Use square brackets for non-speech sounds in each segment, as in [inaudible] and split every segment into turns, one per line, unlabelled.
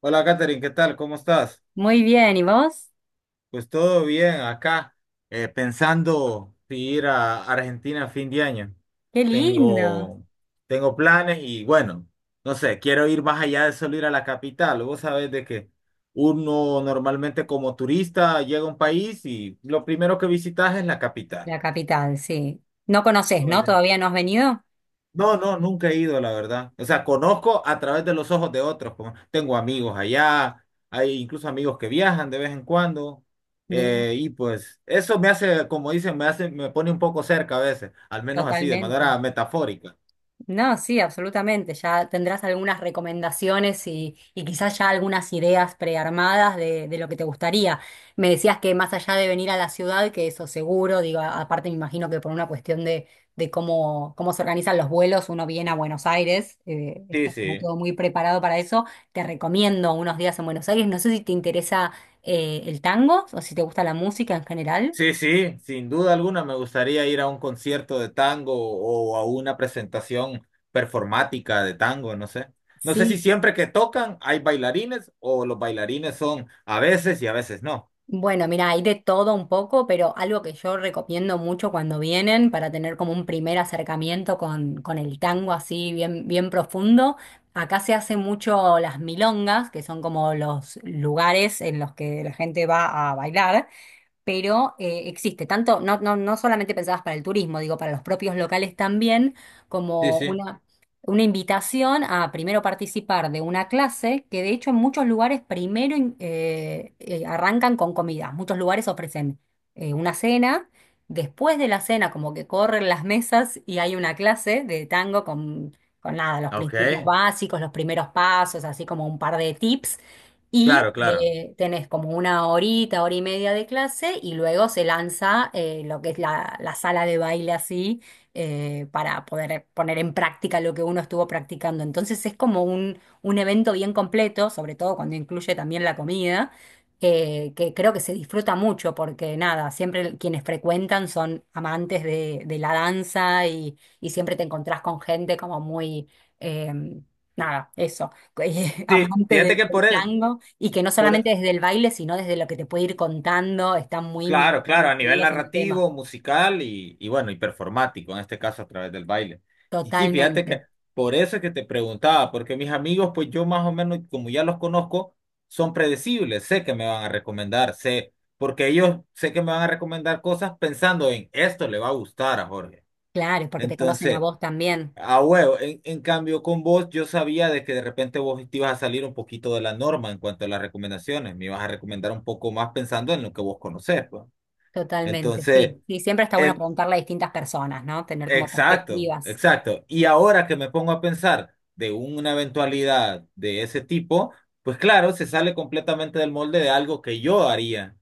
Hola, Katherine, ¿qué tal? ¿Cómo estás?
Muy bien, ¿y vos?
Pues todo bien acá, pensando si ir a Argentina a fin de año.
Qué lindo.
Tengo, tengo planes y bueno, no sé, quiero ir más allá de solo ir a la capital. Vos sabés de que uno normalmente como turista llega a un país y lo primero que visitas es la capital.
La capital, sí. No conoces, ¿no? ¿Todavía no has venido?
No, no, nunca he ido, la verdad. O sea, conozco a través de los ojos de otros. Tengo amigos allá, hay incluso amigos que viajan de vez en cuando.
Mira,
Y pues eso me hace, como dicen, me pone un poco cerca a veces, al menos así, de
totalmente.
manera metafórica.
No, sí, absolutamente. Ya tendrás algunas recomendaciones y quizás ya algunas ideas prearmadas de lo que te gustaría. Me decías que más allá de venir a la ciudad, que eso seguro, digo, aparte me imagino que por una cuestión de cómo, cómo se organizan los vuelos, uno viene a Buenos Aires,
Sí,
está como
sí.
todo muy preparado para eso. Te recomiendo unos días en Buenos Aires. No sé si te interesa el tango o si te gusta la música en general.
Sí, sí, sin duda alguna me gustaría ir a un concierto de tango o a una presentación performática de tango, no sé. No sé si
Sí.
siempre que tocan hay bailarines o los bailarines son a veces y a veces no.
Bueno, mira, hay de todo un poco, pero algo que yo recomiendo mucho cuando vienen para tener como un primer acercamiento con el tango así bien, bien profundo. Acá se hace mucho las milongas, que son como los lugares en los que la gente va a bailar, pero existe tanto, no solamente pensadas para el turismo, digo, para los propios locales también,
Sí,
como
sí.
una, una invitación a primero participar de una clase, que de hecho en muchos lugares primero arrancan con comida. Muchos lugares ofrecen una cena, después de la cena como que corren las mesas y hay una clase de tango con... Con nada, los
Ok,
principios básicos, los primeros pasos, así como un par de tips. Y
claro, claro.
tenés como una horita, hora y media de clase y luego se lanza lo que es la sala de baile así, para poder poner en práctica lo que uno estuvo practicando. Entonces es como un evento bien completo, sobre todo cuando incluye también la comida, que creo que se disfruta mucho porque nada, siempre quienes frecuentan son amantes de la danza y siempre te encontrás con gente como muy... em, nada, eso, [laughs]
Sí,
amante
fíjate que
del tango. Y que no
por,
solamente desde el baile, sino desde lo que te puede ir contando, están
claro, claro,
muy
a nivel
metidos en el tema.
narrativo, musical y bueno, y performático, en este caso a través del baile. Y sí, fíjate
Totalmente.
que por eso es que te preguntaba, porque mis amigos, pues yo más o menos, como ya los conozco, son predecibles, sé que me van a recomendar, sé, porque ellos sé que me van a recomendar cosas pensando en esto le va a gustar a Jorge.
Claro, porque te conocen a
Entonces,
vos también.
a huevo, en cambio con vos yo sabía de que de repente vos te ibas a salir un poquito de la norma en cuanto a las recomendaciones, me ibas a recomendar un poco más pensando en lo que vos conocés, pues.
Totalmente, sí.
Entonces,
Sí, siempre está bueno
en-
preguntarle a distintas personas, ¿no? Tener como
exacto,
perspectivas.
exacto. Y ahora que me pongo a pensar de una eventualidad de ese tipo, pues claro, se sale completamente del molde de algo que yo haría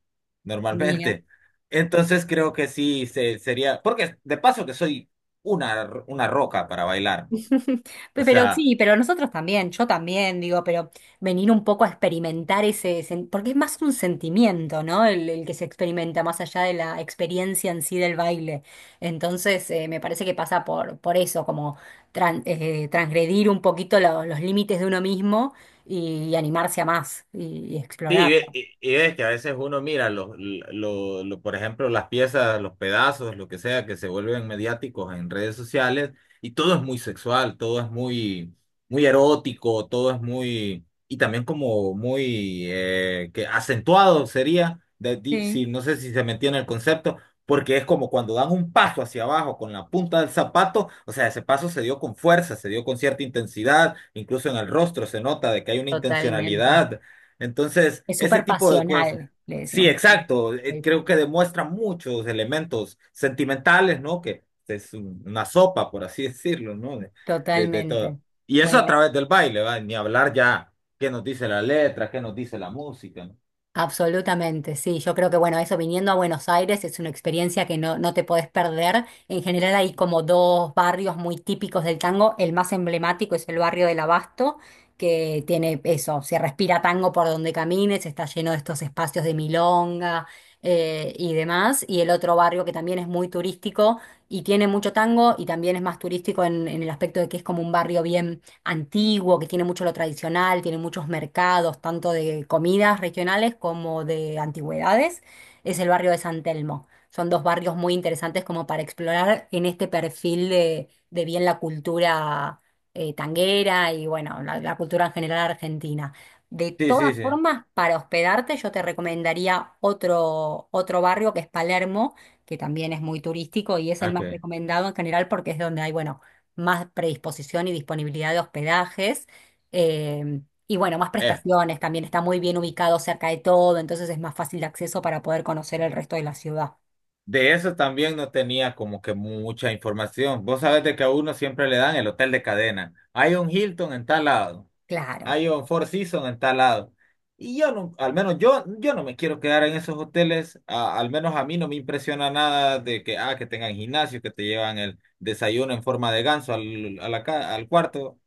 Mira.
normalmente. Entonces creo que sí se, sería, porque de paso que soy una roca para bailar, pues.
[laughs]
O
Pero
sea...
sí, pero nosotros también, yo también, digo, pero venir un poco a experimentar ese, porque es más un sentimiento, ¿no? El que se experimenta más allá de la experiencia en sí del baile. Entonces, me parece que pasa por eso, como transgredir un poquito los límites de uno mismo y animarse a más y
Sí, y, ve-
explorarlo.
y y es que a veces uno mira, por ejemplo, las piezas, los pedazos, lo que sea, que se vuelven mediáticos en redes sociales, y todo es muy sexual, todo es muy, muy erótico, todo es muy, y también como muy, que acentuado sería,
Sí.
si, no sé si se me entiende el concepto, porque es como cuando dan un paso hacia abajo con la punta del zapato, o sea, ese paso se dio con fuerza, se dio con cierta intensidad, incluso en el rostro se nota de que hay una
Totalmente.
intencionalidad entonces,
Es
ese
súper
tipo de cosas.
pasional, le
Sí,
decimos.
exacto.
Sí.
Creo que demuestra muchos elementos sentimentales, ¿no? Que es una sopa, por así [laughs] decirlo, ¿no? De todo.
Totalmente.
Y eso a
Bueno.
través del baile, ¿va? Ni hablar ya qué nos dice la letra, qué nos dice la música, ¿no?
Absolutamente, sí. Yo creo que, bueno, eso viniendo a Buenos Aires es una experiencia que no te podés perder. En general hay como dos barrios muy típicos del tango. El más emblemático es el barrio del Abasto, que tiene eso, se respira tango por donde camines, está lleno de estos espacios de milonga y demás. Y el otro barrio que también es muy turístico y tiene mucho tango y también es más turístico en el aspecto de que es como un barrio bien antiguo, que tiene mucho lo tradicional, tiene muchos mercados, tanto de comidas regionales como de antigüedades, es el barrio de San Telmo. Son dos barrios muy interesantes como para explorar en este perfil de bien la cultura tanguera y bueno, la cultura en general argentina. De
Sí, sí,
todas
sí.
formas, para hospedarte yo te recomendaría otro barrio que es Palermo, que también es muy turístico y es el más
Okay.
recomendado en general porque es donde hay, bueno, más predisposición y disponibilidad de hospedajes. eh, y bueno, más
Eh,
prestaciones, también está muy bien ubicado cerca de todo, entonces es más fácil de acceso para poder conocer el resto de la ciudad.
de eso también no tenía como que mucha información. Vos sabés de que a uno siempre le dan el hotel de cadena. Hay un Hilton en tal lado.
Claro.
Hay un Four Seasons en tal lado. Y yo no, yo no me quiero quedar en esos hoteles. Al menos a mí no me impresiona nada de que, ah, que tengan gimnasio, que te llevan el desayuno en forma de ganso al, a la ca- al cuarto.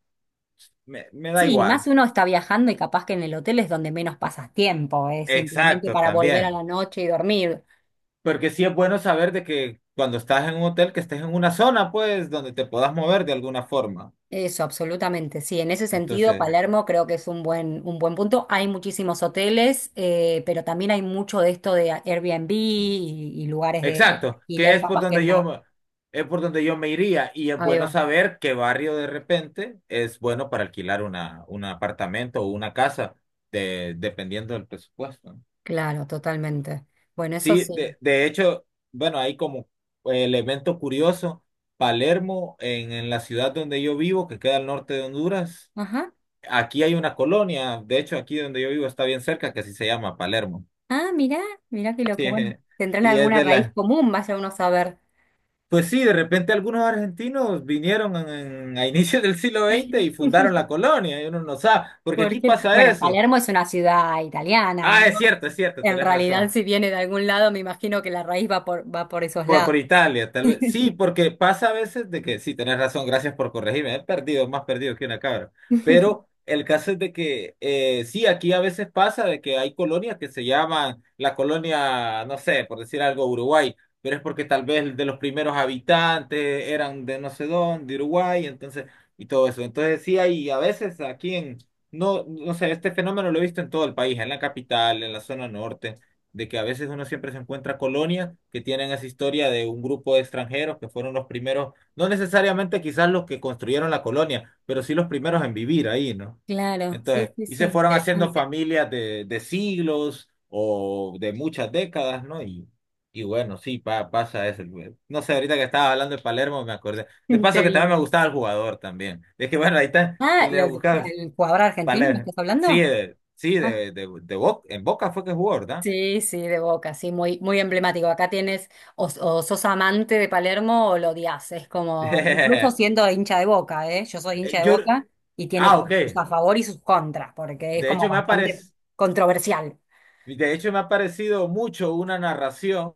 Me da
Sí,
igual.
más uno está viajando y capaz que en el hotel es donde menos pasas tiempo, es simplemente
Exacto,
para volver a
también.
la noche y dormir.
Porque sí es bueno saber de que cuando estás en un hotel, que estés en una zona, pues, donde te puedas mover de alguna forma.
Eso, absolutamente. Sí, en ese sentido,
Entonces.
Palermo creo que es un buen punto. Hay muchísimos hoteles, pero también hay mucho de esto de Airbnb y lugares de
Exacto, que
alquiler, capaz que
es por donde yo me iría y es bueno
más.
saber qué barrio de repente es bueno para alquilar un apartamento o una casa, dependiendo del presupuesto. ¿No?
Claro, totalmente. Bueno, eso
Sí,
sí.
de hecho, bueno, hay como elemento curioso, Palermo, en la ciudad donde yo vivo, que queda al norte de Honduras,
Ajá.
aquí hay una colonia, de hecho aquí donde yo vivo está bien cerca, que así se llama Palermo.
Ah, mirá, mirá qué loco.
Sí,
Bueno,
[laughs]
tendrán
y es
alguna
de
raíz
las.
común, vaya uno a saber.
Pues sí, de repente algunos argentinos vinieron a inicios del siglo XX y fundaron
[laughs]
la colonia, y uno no sabe, porque
¿Por
aquí
qué no?
pasa
Bueno,
eso.
Palermo es una ciudad italiana,
Ah,
¿no?
es cierto,
En
tenés
realidad,
razón.
si viene de algún lado, me imagino que la raíz va por, va por esos lados.
Por Italia, tal vez. Sí, porque pasa a veces de que, sí, tenés razón, gracias por corregirme, he perdido, más perdido que una cabra.
[laughs]
Pero el caso es de que, sí, aquí a veces pasa de que hay colonias que se llaman la colonia, no sé, por decir algo, Uruguay, pero es porque tal vez de los primeros habitantes eran de no sé dónde, de Uruguay, entonces, y todo eso. Entonces, sí, hay a veces no, no sé, este fenómeno lo he visto en todo el país, en la capital, en la zona norte de que a veces uno siempre se encuentra colonias que tienen esa historia de un grupo de extranjeros que fueron los primeros, no necesariamente quizás los que construyeron la colonia, pero sí los primeros en vivir ahí, ¿no?
Claro, sí,
Entonces,
sí,
y
sí,
se fueron haciendo
interesante.
familias de siglos o de muchas décadas, ¿no? Y bueno, sí, pasa eso. No sé, ahorita que estaba hablando de Palermo me acordé. De
[laughs]
paso
Te
que también
vino.
me gustaba el jugador también. Es que bueno, ahí está,
Ah,
le buscabas
el jugador argentino me
Palermo.
estás
Sí,
hablando? Ah,
de en Boca fue que jugó, ¿verdad?
sí, sí, de Boca, sí, muy, muy emblemático. Acá tienes, o sos amante de Palermo o lo odias. Es
[laughs]
como, incluso
Eh,
siendo hincha de Boca, ¿eh? Yo soy hincha de
yo,
Boca y tiene
ah, ok.
como sus a favor y sus contras, porque es
De
como
hecho, me ha
bastante
parec-
controversial.
de hecho, me ha parecido mucho una narración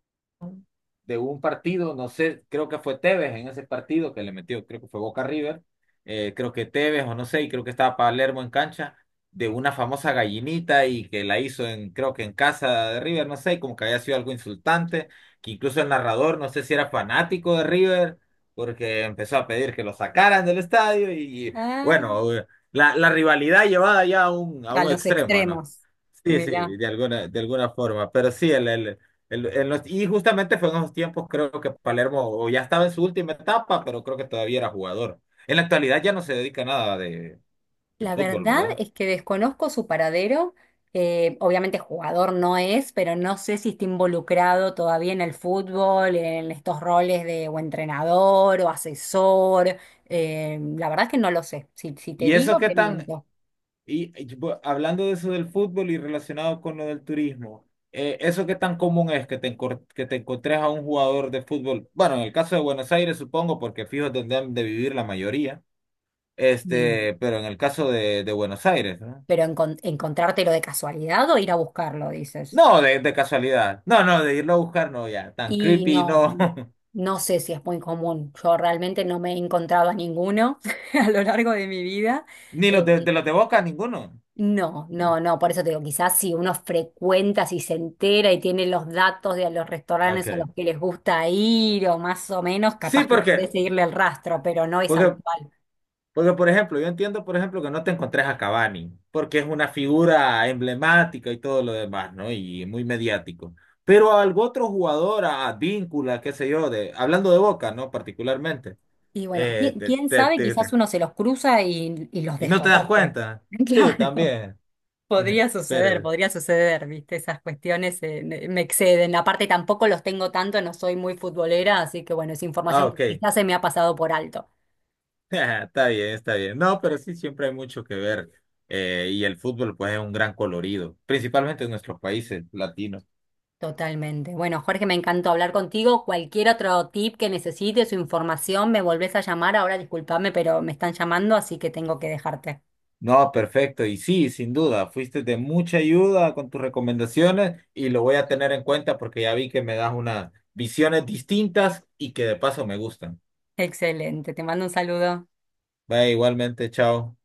de un partido, no sé, creo que fue Tevez en ese partido que le metió, creo que fue Boca River, creo que Tevez o no sé, y creo que estaba Palermo en cancha, de una famosa gallinita y que la hizo en, creo que en casa de River, no sé, y como que había sido algo insultante, que incluso el narrador, no sé si era fanático de River, porque empezó a pedir que lo sacaran del estadio y
Ah,
bueno, la rivalidad llevada ya a a
a
un
los
extremo, ¿no?
extremos.
Sí,
Mirá.
sí, de alguna forma, pero sí, y justamente fue en esos tiempos, creo que Palermo o ya estaba en su última etapa, pero creo que todavía era jugador. En la actualidad ya no se dedica a nada de
La
fútbol,
verdad
¿verdad?
es que desconozco su paradero. Obviamente jugador no es, pero no sé si está involucrado todavía en el fútbol, en estos roles de o entrenador o asesor. La verdad es que no lo sé. Si, si te
Y eso
digo,
qué
te
tan,
miento.
hablando de eso del fútbol y relacionado con lo del turismo, eso qué tan común es que que te encontres a un jugador de fútbol. Bueno, en el caso de Buenos Aires, supongo, porque fijo donde han de vivir la mayoría,
Mm.
este, pero en el caso de Buenos Aires, ¿no?
Pero encontrártelo de casualidad o ir a buscarlo, dices.
No, de casualidad. No, no, de irlo a buscar, no, ya, tan
Y
creepy,
no,
no. [laughs]
no sé si es muy común. Yo realmente no me he encontrado a ninguno [laughs] a lo largo de mi vida.
Ni
Eh,
los de los de Boca, ninguno.
No, no, no, por eso te digo, quizás si uno frecuenta, si se entera y tiene los datos de los restaurantes a
Okay,
los que les gusta ir o más o menos,
sí,
capaz que puede
porque,
seguirle el rastro, pero no es
porque,
habitual.
porque, por ejemplo, yo entiendo, por ejemplo, que no te encontrés a Cavani, porque es una figura emblemática y todo lo demás, ¿no? Y muy mediático. Pero a algún otro jugador, a Víncula, qué sé yo, de, hablando de Boca, ¿no? Particularmente.
Y bueno,
eh,
¿quién,
te-
quién
te-
sabe?
te- te-
Quizás uno se los cruza y los
y no te das
desconoce.
cuenta.
[laughs]
Sí,
Claro,
también. [laughs] Pero,
podría suceder, ¿viste? Esas cuestiones me exceden. Aparte tampoco los tengo tanto, no soy muy futbolera, así que bueno, es
ah,
información que
ok.
quizás se me ha pasado por alto.
[laughs] Está bien, está bien. No, pero sí, siempre hay mucho que ver. Y el fútbol, pues, es un gran colorido, principalmente en nuestros países latinos.
Totalmente. Bueno, Jorge, me encantó hablar contigo. Cualquier otro tip que necesites o información, me volvés a llamar. Ahora discúlpame, pero me están llamando, así que tengo que dejarte.
No, perfecto. Y sí, sin duda, fuiste de mucha ayuda con tus recomendaciones y lo voy a tener en cuenta porque ya vi que me das unas visiones distintas y que de paso me gustan.
Excelente. Te mando un saludo.
Vaya, igualmente, chao.